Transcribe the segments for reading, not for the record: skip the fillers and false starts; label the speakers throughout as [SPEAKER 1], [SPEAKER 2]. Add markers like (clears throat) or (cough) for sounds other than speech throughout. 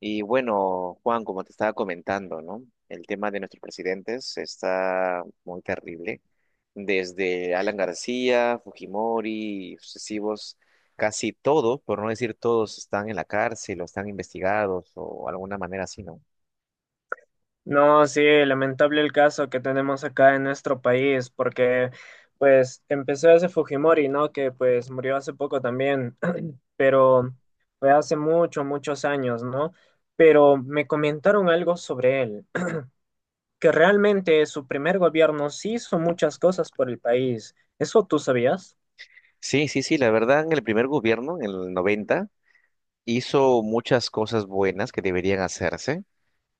[SPEAKER 1] Y bueno, Juan, como te estaba comentando, ¿no? El tema de nuestros presidentes está muy terrible. Desde Alan García, Fujimori, y sucesivos, casi todos, por no decir todos, están en la cárcel o están investigados o alguna manera así, ¿no?
[SPEAKER 2] No, sí, lamentable el caso que tenemos acá en nuestro país, porque pues empezó ese Fujimori, ¿no? Que pues murió hace poco también, (clears throat) pero fue hace muchos, muchos años, ¿no? Pero me comentaron algo sobre él, (clears throat) que realmente su primer gobierno sí hizo muchas cosas por el país. ¿Eso tú sabías?
[SPEAKER 1] Sí, sí, sí, la verdad, en el primer gobierno, en el 90 hizo muchas cosas buenas que deberían hacerse.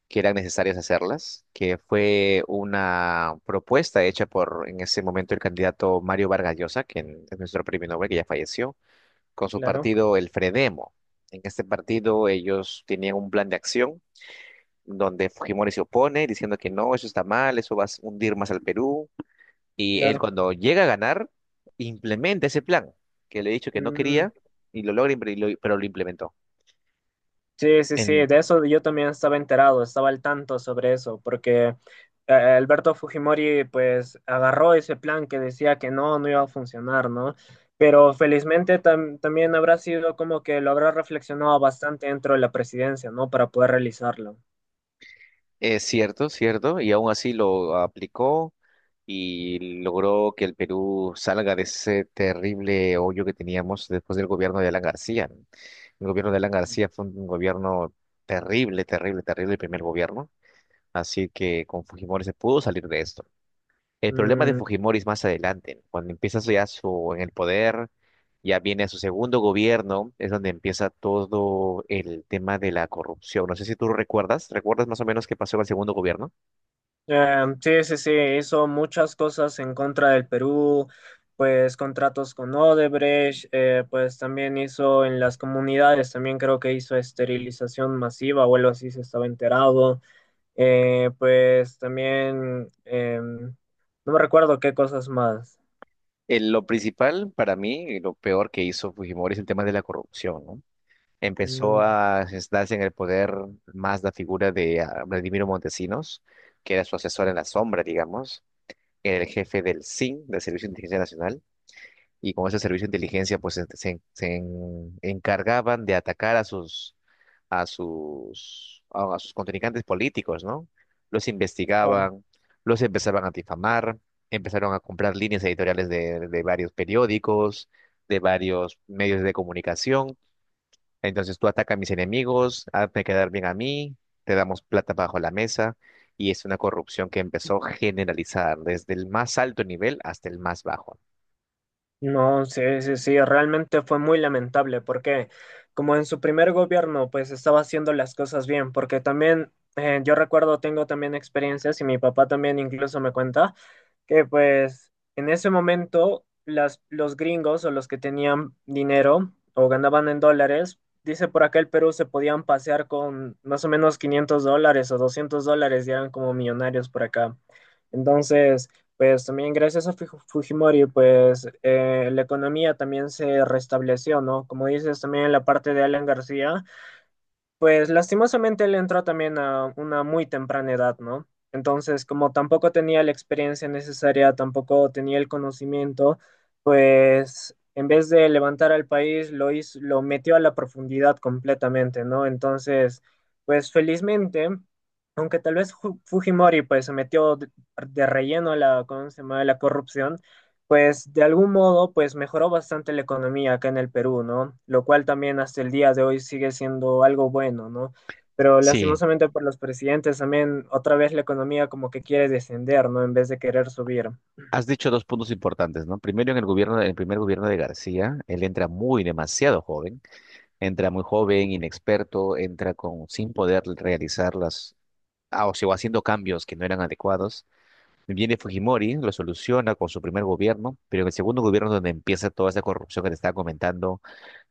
[SPEAKER 1] Que eran necesarias hacerlas, que fue una propuesta hecha por en ese momento el candidato Mario Vargas Llosa, que es nuestro premio Nobel, que ya falleció, con su
[SPEAKER 2] Claro,
[SPEAKER 1] partido el Fredemo. En este partido ellos tenían un plan de acción donde Fujimori se opone diciendo que no, eso está mal, eso va a hundir más al Perú. Y él
[SPEAKER 2] claro.
[SPEAKER 1] cuando llega a ganar, implementa ese plan que le he dicho que no
[SPEAKER 2] Mm.
[SPEAKER 1] quería y lo logra, pero lo implementó.
[SPEAKER 2] Sí, sí, sí,
[SPEAKER 1] En-
[SPEAKER 2] de eso yo también estaba enterado, estaba al tanto sobre eso, porque Alberto Fujimori pues agarró ese plan que decía que no, no iba a funcionar, ¿no? Pero felizmente también habrá sido como que lo habrá reflexionado bastante dentro de la presidencia, ¿no? Para poder realizarlo.
[SPEAKER 1] Es cierto, cierto, y aún así lo aplicó y logró que el Perú salga de ese terrible hoyo que teníamos después del gobierno de Alan García, ¿no? El gobierno de Alan García fue un gobierno terrible, terrible, terrible, el primer gobierno, así que con Fujimori se pudo salir de esto. El problema de
[SPEAKER 2] Mm.
[SPEAKER 1] Fujimori es más adelante, ¿no? Cuando empieza ya su, en el poder, ya viene a su segundo gobierno, es donde empieza todo el tema de la corrupción. No sé si tú recuerdas, ¿recuerdas más o menos qué pasó en el segundo gobierno?
[SPEAKER 2] Sí, sí, sí, hizo muchas cosas en contra del Perú, pues contratos con Odebrecht, pues también hizo en las comunidades, también creo que hizo esterilización masiva o algo así, se estaba enterado. Pues también, no me recuerdo qué cosas más.
[SPEAKER 1] Lo principal para mí, y lo peor que hizo Fujimori es el tema de la corrupción, ¿no? Empezó
[SPEAKER 2] Mm,
[SPEAKER 1] a sentarse en el poder más la figura de Vladimiro Montesinos, que era su asesor en la sombra, digamos, era el jefe del SIN, del Servicio de Inteligencia Nacional, y con ese servicio de inteligencia pues encargaban de atacar a sus a sus contrincantes políticos, ¿no? Los
[SPEAKER 2] claro.
[SPEAKER 1] investigaban, los empezaban a difamar, empezaron a comprar líneas editoriales de varios periódicos, de varios medios de comunicación. Entonces tú ataca a mis enemigos, hazme quedar bien a mí, te damos plata bajo la mesa. Y es una corrupción que empezó a generalizar desde el más alto nivel hasta el más bajo.
[SPEAKER 2] No, sí, sí, sí, realmente fue muy lamentable porque como en su primer gobierno pues estaba haciendo las cosas bien, porque también yo recuerdo, tengo también experiencias y mi papá también incluso me cuenta que pues en ese momento las, los gringos o los que tenían dinero o ganaban en dólares, dice por acá el Perú se podían pasear con más o menos $500 o $200 y eran como millonarios por acá. Entonces, pues también gracias a Fujimori, pues la economía también se restableció, ¿no? Como dices también en la parte de Alan García, pues lastimosamente él entró también a una muy temprana edad, ¿no? Entonces, como tampoco tenía la experiencia necesaria, tampoco tenía el conocimiento, pues en vez de levantar al país, lo hizo, lo metió a la profundidad completamente, ¿no? Entonces, pues felizmente, aunque tal vez Fujimori pues se metió de relleno a la, ¿cómo se llama? A la corrupción, pues de algún modo, pues mejoró bastante la economía acá en el Perú, ¿no? Lo cual también hasta el día de hoy sigue siendo algo bueno, ¿no? Pero
[SPEAKER 1] Sí.
[SPEAKER 2] lastimosamente por los presidentes también otra vez la economía como que quiere descender, ¿no? En vez de querer subir.
[SPEAKER 1] Has dicho dos puntos importantes, ¿no? Primero, en el gobierno, en el primer gobierno de García, él entra muy demasiado joven, entra muy joven, inexperto, entra con sin poder realizar las, o sea, haciendo cambios que no eran adecuados. Viene Fujimori, lo soluciona con su primer gobierno, pero en el segundo gobierno es donde empieza toda esa corrupción que te estaba comentando,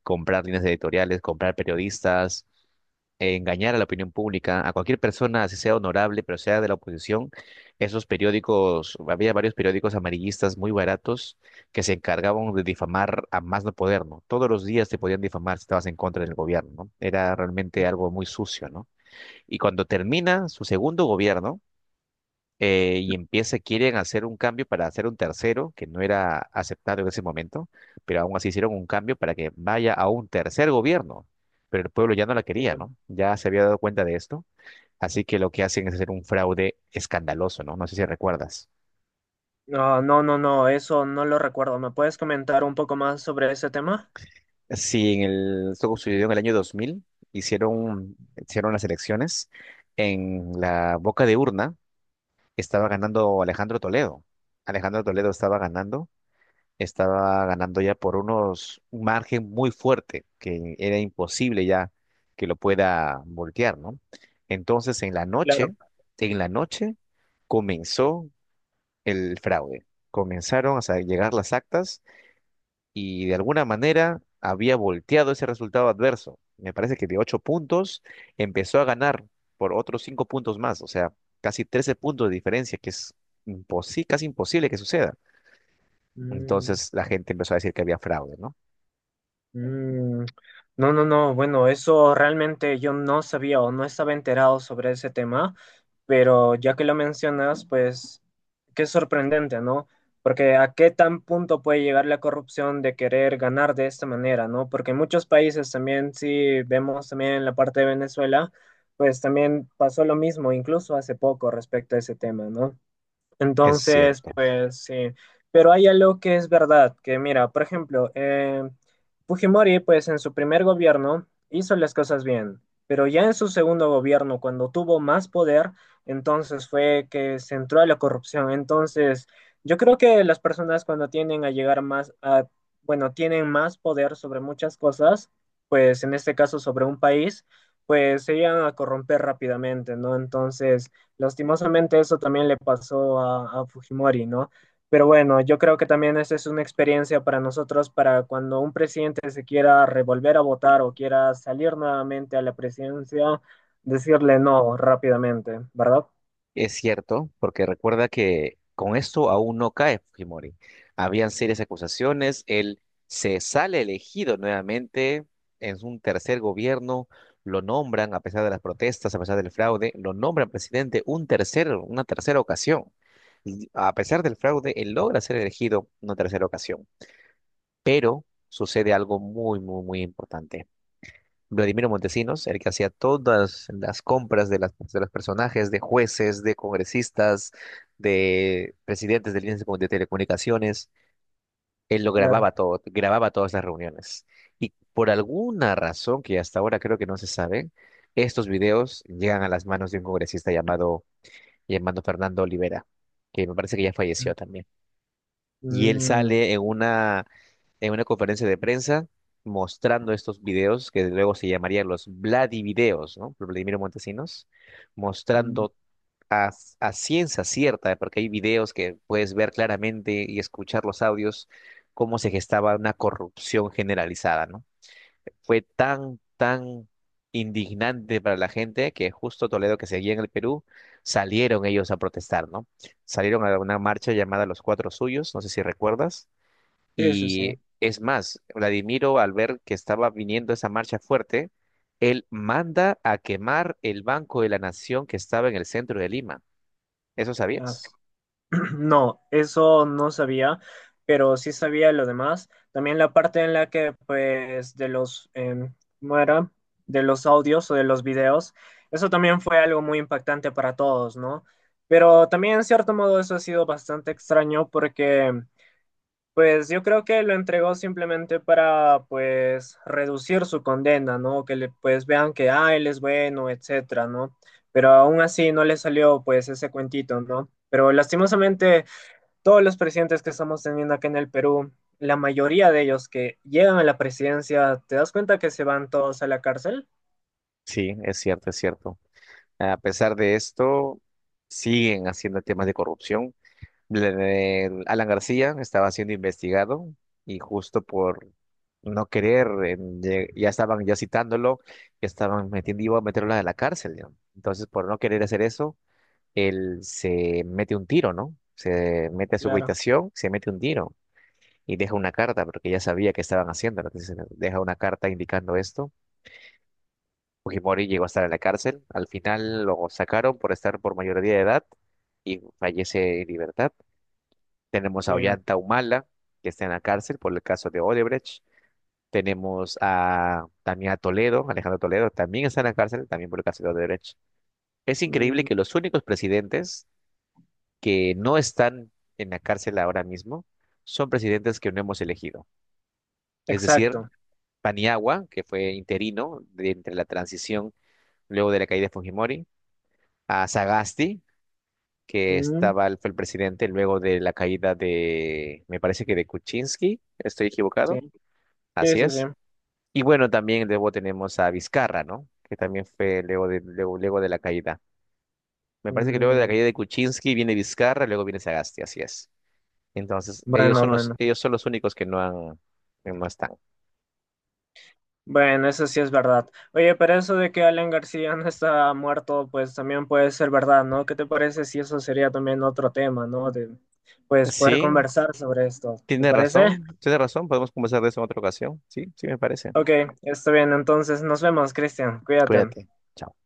[SPEAKER 1] comprar líneas editoriales, comprar periodistas, engañar a la opinión pública, a cualquier persona, así sea honorable, pero sea de la oposición, esos periódicos, había varios periódicos amarillistas muy baratos que se encargaban de difamar a más no poder, ¿no? Todos los días te podían difamar si estabas en contra del gobierno, ¿no? Era realmente algo muy sucio, ¿no? Y cuando termina su segundo gobierno, y empieza, quieren hacer un cambio para hacer un tercero, que no era aceptado en ese momento, pero aún así hicieron un cambio para que vaya a un tercer gobierno. Pero el pueblo ya no la quería, ¿no? Ya se había dado cuenta de esto. Así que lo que hacen es hacer un fraude escandaloso, ¿no? No sé si recuerdas.
[SPEAKER 2] No, no, no, no, eso no lo recuerdo. ¿Me puedes comentar un poco más sobre ese tema?
[SPEAKER 1] Sí, en el, esto sucedió en el año 2000 hicieron las elecciones. En la boca de urna estaba ganando Alejandro Toledo. Alejandro Toledo estaba ganando ya por unos un margen muy fuerte que era imposible ya que lo pueda voltear, ¿no? Entonces en la noche,
[SPEAKER 2] Claro.
[SPEAKER 1] en la noche comenzó el fraude. Comenzaron a llegar las actas y de alguna manera había volteado ese resultado adverso. Me parece que de ocho puntos empezó a ganar por otros cinco puntos más, o sea, casi 13 puntos de diferencia, que es casi imposible que suceda.
[SPEAKER 2] Mm.
[SPEAKER 1] Entonces la gente empezó a decir que había fraude, ¿no?
[SPEAKER 2] Mm, no, no, no. Bueno, eso realmente yo no sabía o no estaba enterado sobre ese tema, pero ya que lo mencionas, pues qué sorprendente, ¿no? Porque a qué tan punto puede llegar la corrupción de querer ganar de esta manera, ¿no? Porque en muchos países también, si vemos también en la parte de Venezuela, pues también pasó lo mismo, incluso hace poco respecto a ese tema, ¿no?
[SPEAKER 1] Es
[SPEAKER 2] Entonces,
[SPEAKER 1] cierto,
[SPEAKER 2] pues sí, pero hay algo que es verdad, que mira, por ejemplo, Fujimori, pues en su primer gobierno hizo las cosas bien, pero ya en su segundo gobierno, cuando tuvo más poder, entonces fue que se entró a la corrupción. Entonces, yo creo que las personas cuando tienden a llegar más a, bueno, tienen más poder sobre muchas cosas, pues en este caso sobre un país, pues se llegan a corromper rápidamente, ¿no? Entonces... Lastimosamente eso también le pasó a Fujimori, ¿no? Pero bueno, yo creo que también esa es una experiencia para nosotros, para cuando un presidente se quiera revolver a votar o quiera salir nuevamente a la presidencia, decirle no rápidamente, ¿verdad?
[SPEAKER 1] es cierto, porque recuerda que con esto aún no cae Fujimori. Habían serias acusaciones, él se sale elegido nuevamente en un tercer gobierno, lo nombran a pesar de las protestas, a pesar del fraude, lo nombran presidente un tercer, una tercera ocasión. Y a pesar del fraude, él logra ser elegido una tercera ocasión, pero sucede algo muy, muy, muy importante. Vladimiro Montesinos, el que hacía todas las compras de, las, de los personajes, de jueces, de congresistas, de presidentes del índice de de telecomunicaciones, él lo
[SPEAKER 2] Claro.
[SPEAKER 1] grababa todo, grababa todas las reuniones. Y por alguna razón que hasta ahora creo que no se sabe, estos videos llegan a las manos de un congresista llamado Fernando Olivera, que me parece que ya falleció también y él
[SPEAKER 2] Mm,
[SPEAKER 1] sale en una, conferencia de prensa mostrando estos videos que luego se llamarían los Vladivideos, ¿no? Por Vladimiro Montesinos,
[SPEAKER 2] mm,
[SPEAKER 1] mostrando a, a ciencia cierta, porque hay videos que puedes ver claramente y escuchar los audios, cómo se gestaba una corrupción generalizada, ¿no? Fue tan, tan indignante para la gente que justo Toledo que seguía en el Perú, salieron ellos a protestar, ¿no? Salieron a una marcha llamada Los Cuatro Suyos, no sé si recuerdas,
[SPEAKER 2] sí, sí, sí.
[SPEAKER 1] y es más, Vladimiro, al ver que estaba viniendo esa marcha fuerte, él manda a quemar el Banco de la Nación que estaba en el centro de Lima. ¿Eso sabías?
[SPEAKER 2] Las- (clears throat) No, eso no sabía, pero sí sabía lo demás. También la parte en la que, pues, de los, ¿cómo era? De los audios o de los videos, eso también fue algo muy impactante para todos, ¿no? Pero también, en cierto modo, eso ha sido bastante extraño porque, pues, yo creo que lo entregó simplemente para, pues, reducir su condena, ¿no? Que, le, pues, vean que, ah, él es bueno, etcétera, ¿no? Pero aún así no le salió, pues, ese cuentito, ¿no? Pero lastimosamente todos los presidentes que estamos teniendo acá en el Perú, la mayoría de ellos que llegan a la presidencia, ¿te das cuenta que se van todos a la cárcel?
[SPEAKER 1] Sí, es cierto, es cierto. A pesar de esto, siguen haciendo temas de corrupción. El Alan García estaba siendo investigado y justo por no querer, ya estaban ya citándolo, ya estaban metiendo, iba a meterlo a la cárcel, ¿no? Entonces, por no querer hacer eso, él se mete un tiro, ¿no? Se mete a su
[SPEAKER 2] Claro,
[SPEAKER 1] habitación, se mete un tiro y deja una carta porque ya sabía que estaban haciendo. Entonces deja una carta indicando esto. Fujimori llegó a estar en la cárcel. Al final lo sacaron por estar por mayoría de edad y fallece en libertad. Tenemos a
[SPEAKER 2] sí.
[SPEAKER 1] Ollanta Humala, que está en la cárcel por el caso de Odebrecht. Tenemos a también a Toledo, Alejandro Toledo, también está en la cárcel, también por el caso de Odebrecht. Es increíble
[SPEAKER 2] Mm,
[SPEAKER 1] que los únicos presidentes que no están en la cárcel ahora mismo son presidentes que no hemos elegido. Es decir,
[SPEAKER 2] exacto.
[SPEAKER 1] Paniagua, que fue interino de entre la transición luego de la caída de Fujimori, a Sagasti, que
[SPEAKER 2] Mm,
[SPEAKER 1] estaba, fue el presidente luego de la caída de, me parece que de Kuczynski, estoy
[SPEAKER 2] sí,
[SPEAKER 1] equivocado,
[SPEAKER 2] sí,
[SPEAKER 1] así
[SPEAKER 2] sí. Sí.
[SPEAKER 1] es. Y bueno, también luego tenemos a Vizcarra, ¿no? Que también fue luego de la caída. Me parece que luego de la
[SPEAKER 2] Mm,
[SPEAKER 1] caída de Kuczynski viene Vizcarra, luego viene Sagasti, así es. Entonces,
[SPEAKER 2] bueno, bueno.
[SPEAKER 1] ellos son los únicos que no han, que no están.
[SPEAKER 2] Bueno, eso sí es verdad. Oye, pero eso de que Alan García no está muerto, pues también puede ser verdad, ¿no? ¿Qué te parece si eso sería también otro tema, no? De, pues poder
[SPEAKER 1] Sí,
[SPEAKER 2] conversar sobre esto. ¿Te
[SPEAKER 1] tiene
[SPEAKER 2] parece?
[SPEAKER 1] razón, tiene razón. Podemos conversar de eso en otra ocasión. Sí, sí me parece.
[SPEAKER 2] Ok, está bien. Entonces nos vemos, Cristian. Cuídate.
[SPEAKER 1] Cuídate. Chao.